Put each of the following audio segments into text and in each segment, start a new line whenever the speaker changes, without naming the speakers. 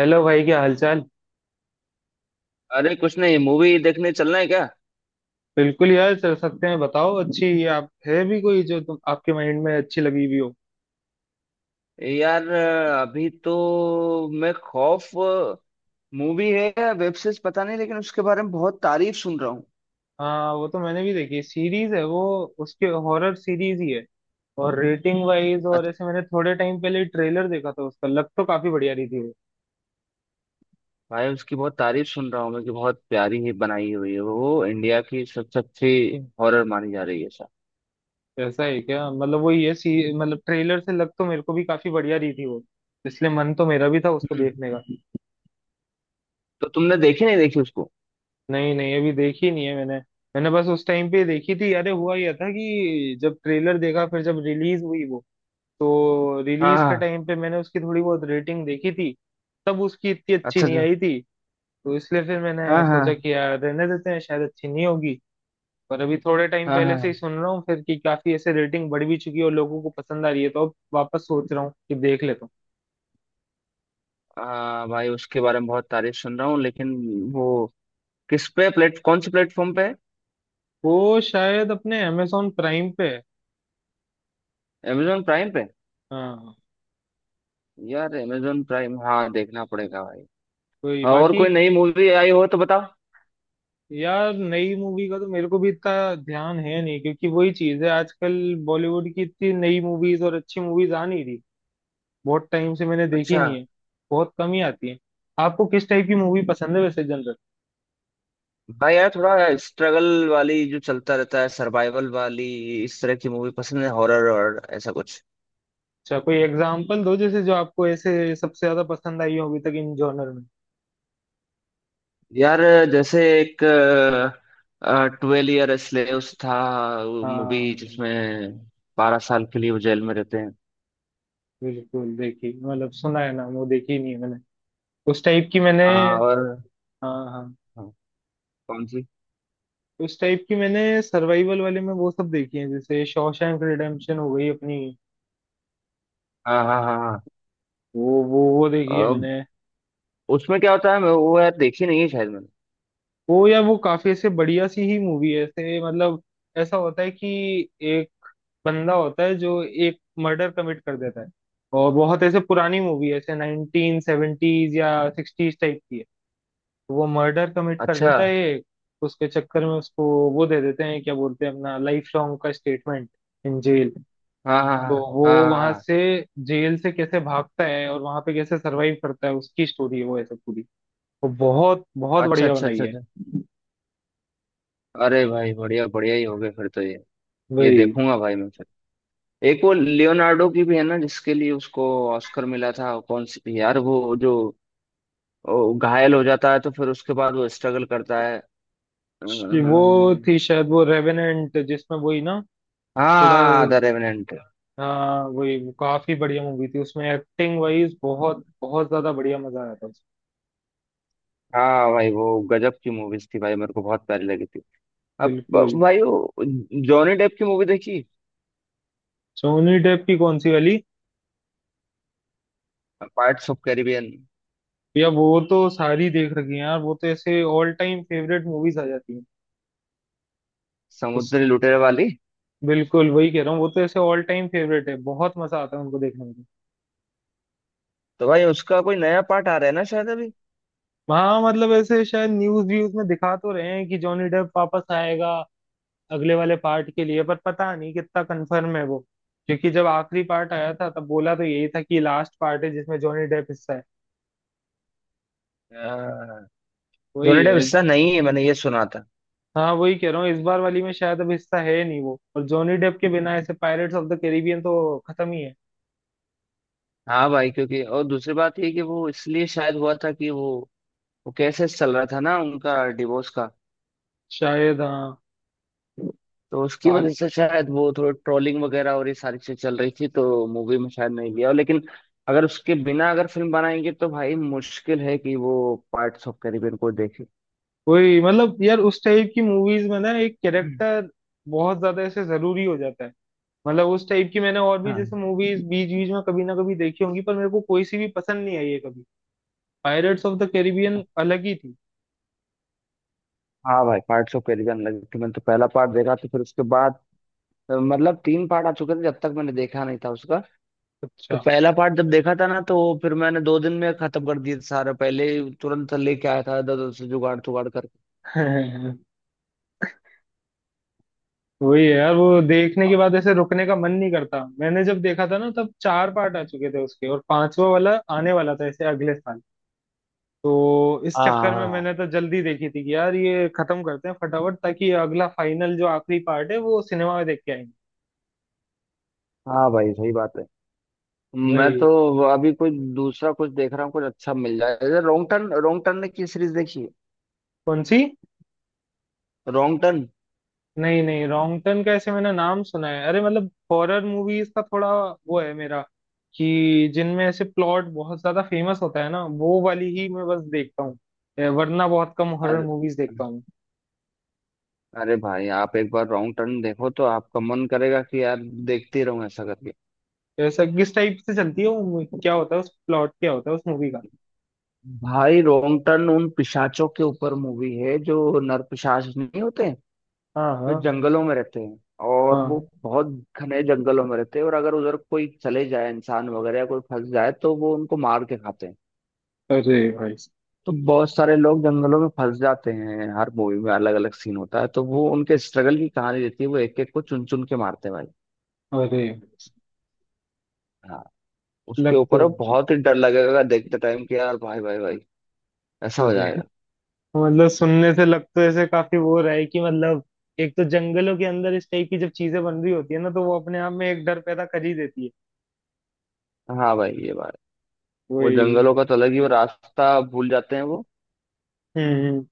Hello भाई, क्या हालचाल।
अरे कुछ नहीं, मूवी देखने चलना है क्या।
बिल्कुल यार, चल सकते हैं। बताओ, अच्छी आप है भी कोई जो तुम आपके माइंड में अच्छी लगी हुई हो।
यार अभी तो मैं खौफ मूवी है या वेब सीरीज पता नहीं, लेकिन उसके बारे में बहुत तारीफ सुन रहा हूँ।
हाँ, वो तो मैंने भी देखी, सीरीज है वो, उसके हॉरर सीरीज ही है। और रेटिंग वाइज और
अत-
ऐसे, मैंने थोड़े टाइम पहले ट्रेलर देखा था उसका, लग तो काफी बढ़िया रही थी वो।
भाई उसकी बहुत तारीफ सुन रहा हूँ मैं कि बहुत प्यारी ही बनाई हुई है वो, इंडिया की सबसे अच्छी हॉरर मानी जा रही है सर।
ऐसा है क्या? मतलब वो ये सी मतलब ट्रेलर से लग तो मेरे को भी काफी बढ़िया रही थी वो, इसलिए मन तो मेरा भी था उसको
हम्म
देखने का।
तो तुमने देखी नहीं, देखी उसको?
नहीं नहीं, अभी देखी नहीं है मैंने। मैंने बस उस टाइम पे देखी थी, अरे हुआ यह था कि जब ट्रेलर देखा फिर जब रिलीज हुई वो, तो
हाँ
रिलीज के
हाँ।
टाइम पे मैंने उसकी थोड़ी बहुत रेटिंग देखी थी। तब उसकी इतनी अच्छी
अच्छा
नहीं
अच्छा।
आई थी। तो इसलिए फिर मैंने
हाँ
सोचा
हाँ।
कि यार रहने देते हैं, शायद अच्छी नहीं होगी। पर अभी थोड़े टाइम
हाँ
पहले से ही
हाँ।
सुन रहा हूँ फिर कि काफी ऐसे रेटिंग बढ़ भी चुकी है और लोगों को पसंद आ रही है, तो अब वापस सोच रहा हूँ कि देख लेता हूँ।
हाँ भाई उसके बारे में बहुत तारीफ सुन रहा हूँ, लेकिन वो किस पे प्लेट कौन से प्लेटफॉर्म पे है?
वो शायद अपने अमेजोन प्राइम पे है।
अमेजोन प्राइम पे?
हाँ।
यार अमेजोन प्राइम, हाँ देखना पड़ेगा भाई।
कोई
हाँ, और
बाकी।
कोई नई मूवी आई हो तो बताओ।
यार, नई मूवी का तो मेरे को भी इतना ध्यान है नहीं, क्योंकि वही चीज है, आजकल बॉलीवुड की इतनी नई मूवीज और अच्छी मूवीज आ नहीं रही। बहुत टाइम से मैंने देखी
अच्छा।
नहीं है। बहुत कम ही आती है। आपको किस टाइप की मूवी पसंद है वैसे जनरल?
भाई यार थोड़ा स्ट्रगल वाली जो चलता रहता है, सर्वाइवल वाली, इस तरह की मूवी पसंद है, हॉरर और ऐसा कुछ।
अच्छा, कोई एग्जांपल दो, जैसे जो आपको ऐसे सबसे ज्यादा पसंद आई हो अभी तक इन जॉनर में।
यार जैसे एक ट्वेल्व ईयर स्लेव्स था, मूवी
हाँ,
जिसमें 12 साल के लिए वो जेल में रहते हैं।
बिल्कुल देखी, मतलब सुना है ना, वो देखी नहीं है मैंने। उस टाइप की मैंने,
हाँ और।
हाँ हाँ,
हाँ, कौन सी?
उस टाइप की मैंने सर्वाइवल वाले में वो सब देखी है, जैसे शॉशैंक रिडेम्पशन हो गई अपनी।
हाँ हाँ हाँ हाँ।
वो देखी
अ,
है मैंने।
उसमें क्या होता है, मैं वो यार देखी नहीं है शायद मैंने।
वो या वो काफी ऐसे बढ़िया सी ही मूवी है, ऐसे मतलब ऐसा होता है कि एक बंदा होता है जो एक मर्डर कमिट कर देता है। और बहुत ऐसे पुरानी मूवी है, ऐसे नाइनटीन सेवेंटीज या सिक्सटीज टाइप की है। तो वो मर्डर कमिट कर
अच्छा।
देता है एक, उसके चक्कर में उसको वो दे देते हैं, क्या बोलते हैं, अपना लाइफ लॉन्ग का स्टेटमेंट, इन जेल।
हाँ हाँ
तो
हाँ
वो
हाँ।
वहां
हाँ
से, जेल से कैसे भागता है और वहां पे कैसे सरवाइव करता है, उसकी स्टोरी है वो ऐसे पूरी। वो बहुत बहुत
अच्छा
बढ़िया
अच्छा
बनाई
अच्छा
है।
अच्छा। अरे भाई बढ़िया बढ़िया ही हो गए फिर तो ये
वही।
देखूंगा भाई मैं फिर। एक वो लियोनार्डो की भी है ना जिसके लिए उसको ऑस्कर मिला था, कौन सी थी यार वो जो वो घायल हो जाता है तो फिर उसके बाद वो स्ट्रगल करता है।
वो
अम्म,
थी शायद वो रेवेनेंट, जिसमें वही ना, थोड़ा,
हाँ द रेवेनेंट।
हाँ वही। वो काफी बढ़िया मूवी थी, उसमें एक्टिंग वाइज बहुत बहुत ज्यादा बढ़िया, मजा आया था उसमें।
हाँ भाई वो गजब की मूवीज थी भाई, मेरे को बहुत प्यारी लगी थी। अब
बिल्कुल।
भाई वो जॉनी डेप की मूवी देखी?
सोनी डेप की कौन सी वाली?
पार्ट्स ऑफ कैरिबियन,
या वो तो सारी देख रखी है यार, वो तो ऐसे ऑल टाइम फेवरेट मूवीज आ जाती हैं। उस,
समुद्री लुटेरे वाली।
बिल्कुल वही कह रहा हूँ, वो तो ऐसे ऑल टाइम फेवरेट है, बहुत मजा आता है उनको देखने में।
तो भाई उसका कोई नया पार्ट आ रहा है ना शायद।
हाँ, मतलब ऐसे शायद न्यूज व्यूज में दिखा तो रहे हैं कि जॉनी डेप वापस आएगा अगले वाले पार्ट के लिए, पर पता नहीं कितना कंफर्म है वो, क्योंकि जब आखिरी पार्ट आया था तब बोला तो यही था कि लास्ट पार्ट है जिसमें जॉनी डेप हिस्सा है।
अभी
वही
जोनी डेप
है।
हिस्सा नहीं है, मैंने ये सुना था।
हाँ वही कह रहा हूँ, इस बार वाली में शायद अब हिस्सा है नहीं वो, और जॉनी डेप के बिना ऐसे पायरेट्स ऑफ द कैरिबियन तो खत्म ही है।
हाँ भाई, क्योंकि और दूसरी बात ये कि वो इसलिए शायद हुआ था कि वो केसेस चल रहा था ना उनका, डिवोर्स का।
शायद हाँ।
तो उसकी
बा-
वजह से शायद वो थोड़ी ट्रोलिंग वगैरह और ये सारी चीज चल रही थी तो मूवी में शायद नहीं लिया, लेकिन अगर उसके बिना अगर फिल्म बनाएंगे तो भाई मुश्किल है कि वो पार्ट्स ऑफ कैरिबियन को देखे।
वही मतलब यार, उस टाइप की मूवीज में ना एक कैरेक्टर बहुत ज्यादा ऐसे जरूरी हो जाता है। मतलब उस टाइप की मैंने और भी जैसे
हाँ।
मूवीज बीच बीच में कभी ना कभी देखी होंगी, पर मेरे को कोई सी भी पसंद नहीं आई है कभी। पायरेट्स ऑफ द कैरिबियन अलग ही थी।
हाँ भाई पार्ट्स ऑफ कैरिबियन लगी थी, मैंने तो पहला पार्ट देखा तो फिर उसके बाद, मतलब तीन पार्ट आ चुके थे जब तक मैंने देखा नहीं था उसका। तो
अच्छा।
पहला पार्ट जब देखा था ना तो फिर मैंने 2 दिन में खत्म कर दिया था सारा, पहले ही तुरंत लेके आया था इधर से जुगाड़ तुगाड़ करके।
वही है यार, वो देखने
हाँ
के बाद ऐसे रुकने का मन नहीं करता। मैंने जब देखा था ना, तब चार पार्ट आ चुके थे उसके और पांचवा वाला आने वाला था ऐसे अगले साल। तो इस
हाँ।
चक्कर में
हाँ
मैंने तो जल्दी देखी थी कि यार ये खत्म करते हैं फटाफट, ताकि अगला फाइनल जो आखिरी पार्ट है वो सिनेमा में देख के आएंगे।
हाँ भाई सही बात है। मैं
वही।
तो अभी कोई दूसरा कुछ देख रहा हूँ, कुछ अच्छा मिल जाए जैसे रॉन्ग टर्न, रॉन्ग टर्न ने की सीरीज देखी है?
कौन सी?
Wrong turn.
नहीं नहीं, रॉन्ग टर्न का ऐसे मैंने नाम सुना है, अरे मतलब हॉरर मूवीज का थोड़ा वो है मेरा कि जिनमें ऐसे प्लॉट बहुत ज्यादा फेमस होता है ना, वो वाली ही मैं बस देखता हूँ, वरना बहुत कम हॉरर
अरे,
मूवीज देखता हूँ।
अरे भाई आप एक बार रॉन्ग टर्न देखो तो आपका मन करेगा कि यार देखते ही रहूं ऐसा करके।
ऐसा किस टाइप से चलती है वो movie? क्या होता है उस प्लॉट, क्या होता है उस मूवी का?
भाई रॉन्ग टर्न उन पिशाचों के ऊपर मूवी है जो नरपिशाच नहीं होते।
हाँ
वे
हाँ
जंगलों में रहते हैं, और वो
हाँ।
बहुत घने जंगलों में रहते हैं, और अगर उधर कोई चले जाए इंसान वगैरह या कोई फंस जाए तो वो उनको मार के खाते हैं।
अरे भाई।
तो बहुत सारे लोग जंगलों में फंस जाते हैं, हर मूवी में अलग अलग सीन होता है, तो वो उनके स्ट्रगल की कहानी देती है, वो एक एक को चुन चुन के मारते हैं भाई।
अरे।
हाँ। उसके
लग
ऊपर
तो,
अब बहुत ही डर लगेगा देखते टाइम कि यार भाई भाई भाई ऐसा हो
अरे
जाएगा।
मतलब सुनने से लग तो ऐसे काफी वो रहा है, कि मतलब एक तो जंगलों के अंदर इस टाइप की जब चीजें बन रही होती है ना, तो वो अपने आप में एक डर पैदा कर ही देती है।
हाँ भाई ये बात। वो
वही।
जंगलों का तो अलग ही, वो रास्ता भूल जाते हैं, वो
हम्म।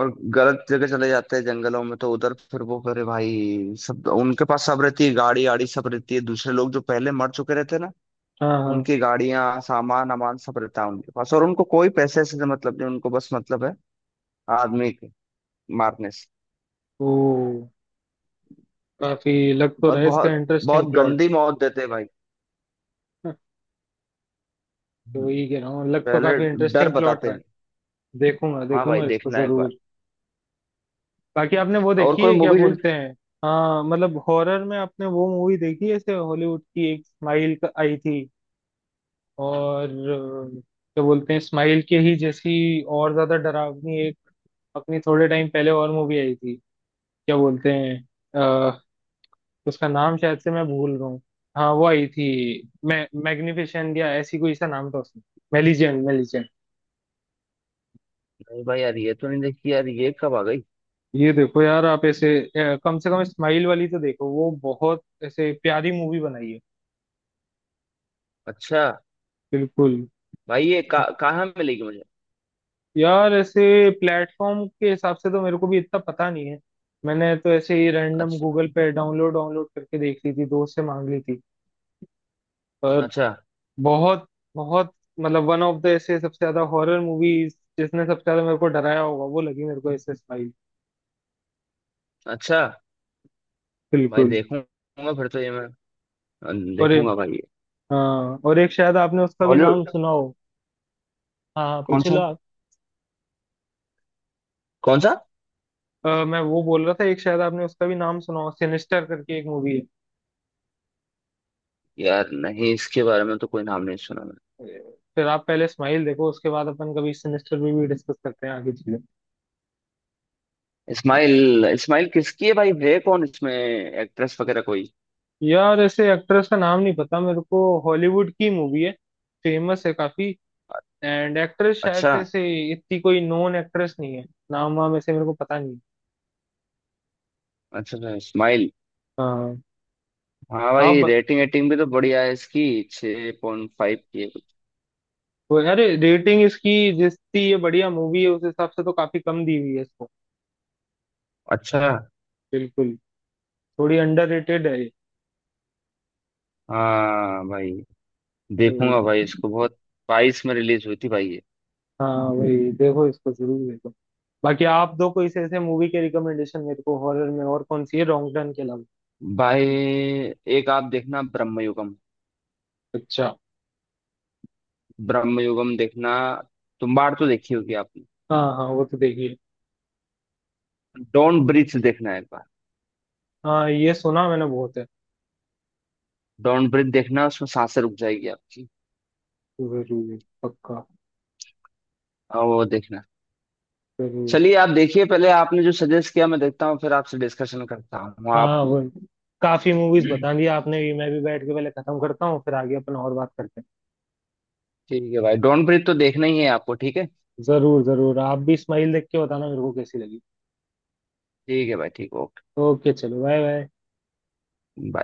और गलत जगह चले जाते हैं जंगलों में, तो उधर फिर वो करे भाई, सब उनके पास सब रहती है, गाड़ी आड़ी सब रहती है, दूसरे लोग जो पहले मर चुके रहते हैं ना,
हाँ हाँ।
उनकी गाड़ियां सामान अमान सब रहता है उनके पास, और उनको कोई पैसे से मतलब नहीं, उनको बस मतलब है आदमी के मारने से।
ओ, काफी लग तो
और
रहा है इसका
बहुत
इंटरेस्टिंग
बहुत
प्लॉट।
गंदी मौत देते हैं भाई।
तो
हम्म,
वही कह रहा हूँ, लग तो
पहले
काफी
डर
इंटरेस्टिंग प्लॉट
बताते
रहा है।
हैं।
देखूंगा
हाँ भाई
देखूंगा इसको
देखना एक बार।
जरूर। बाकी आपने वो
और
देखी
कोई
है, क्या
मूवी नहीं?
बोलते हैं, हाँ मतलब हॉरर में आपने वो मूवी देखी है ऐसे हॉलीवुड की, एक स्माइल आई थी। और क्या बोलते हैं, स्माइल के ही जैसी और ज्यादा डरावनी एक, अपनी थोड़े टाइम पहले और मूवी आई थी, क्या बोलते हैं, उसका नाम शायद से मैं भूल रहा हूँ। हाँ वो आई थी, मैं मैग्निफिसेंट या ऐसी कोई सा नाम था उसमें, मेलिजेंट मेलिजेंट।
भाई यार ये तो नहीं देखी यार, ये कब आ गई?
ये देखो यार आप ऐसे, कम से कम स्माइल वाली तो देखो, वो बहुत ऐसे प्यारी मूवी बनाई है।
अच्छा।
बिल्कुल।
भाई ये कहाँ मिलेगी मुझे?
यार ऐसे प्लेटफॉर्म के हिसाब से तो मेरे को भी इतना पता नहीं है, मैंने तो ऐसे ही रैंडम
अच्छा।
गूगल पे डाउनलोड डाउनलोड करके देख ली थी, दोस्त से मांग ली थी। पर
अच्छा।
बहुत बहुत, मतलब वन ऑफ द ऐसे सबसे ज्यादा हॉरर मूवीज जिसने सबसे ज्यादा मेरे को डराया होगा, वो लगी मेरे को ऐसे स्पाई।
अच्छा भाई
बिल्कुल।
देखूंगा फिर तो ये मैं।
और
देखूंगा भाई ये।
हाँ, और एक शायद आपने उसका भी नाम
हॉलीवुड।
सुना हो। हाँ हाँ,
कौन
पूछ
सा?
लो आप।
कौन सा?
मैं वो बोल रहा था, एक शायद आपने उसका भी नाम सुना हो, सिनिस्टर करके एक मूवी है।
यार नहीं इसके बारे में तो कोई नाम नहीं सुना मैंने।
फिर आप पहले स्माइल देखो, उसके बाद अपन कभी सिनिस्टर भी डिस्कस करते हैं आगे चीजें।
इस्माइल इस्माइल किसकी है भाई, है कौन इसमें एक्ट्रेस वगैरह कोई?
यार ऐसे एक्ट्रेस का नाम नहीं पता मेरे को, हॉलीवुड की मूवी है, फेमस है काफी। एंड एक्ट्रेस शायद
अच्छा
से ऐसे इतनी कोई नोन एक्ट्रेस नहीं है, नाम वाम ऐसे मेरे को पता नहीं है।
अच्छा अच्छा इस्माइल।
हाँ।
हाँ
आप
भाई रेटिंग एटिंग भी तो बढ़िया है इसकी, 6.5 की है।
अरे रेटिंग इसकी, जितनी ये बढ़िया मूवी है उस हिसाब से तो काफी कम दी हुई है इसको।
अच्छा।
बिल्कुल। थोड़ी अंडररेटेड है ये।
हाँ भाई
वही।
देखूंगा भाई इसको बहुत। 22 में रिलीज हुई थी भाई ये।
हाँ वही, देखो इसको जरूर देखो। बाकी आप दो कोई ऐसे मूवी के रिकमेंडेशन मेरे को हॉरर में और कौन सी है, रॉन्ग टर्न के अलावा।
भाई एक आप देखना ब्रह्मयुगम।
अच्छा।
ब्रह्मयुगम देखना। तुम्बाड़ तो देखी होगी आप।
हाँ हाँ वो तो देखिए।
डॉन ब्रीथ देखना है एक बार।
हाँ ये सुना मैंने बहुत है।
डॉन ब्रीथ देखना, उसमें सांसें रुक जाएगी आपकी।
जरूर, पक्का,
और वो देखना।
जरूर।
चलिए आप देखिए पहले, आपने जो सजेस्ट किया मैं देखता हूँ फिर आपसे डिस्कशन करता हूँ आप।
हाँ वो, काफी मूवीज बता दी आपने भी, मैं भी बैठ के पहले खत्म करता हूँ फिर आगे अपन और बात करते
ठीक है भाई, डॉन ब्रीथ तो देखना ही है आपको, ठीक है?
हैं। जरूर जरूर, आप भी स्माइल देख के बताना मेरे को कैसी लगी।
ठीक है भाई, ठीक।
ओके, चलो बाय बाय।
ओके।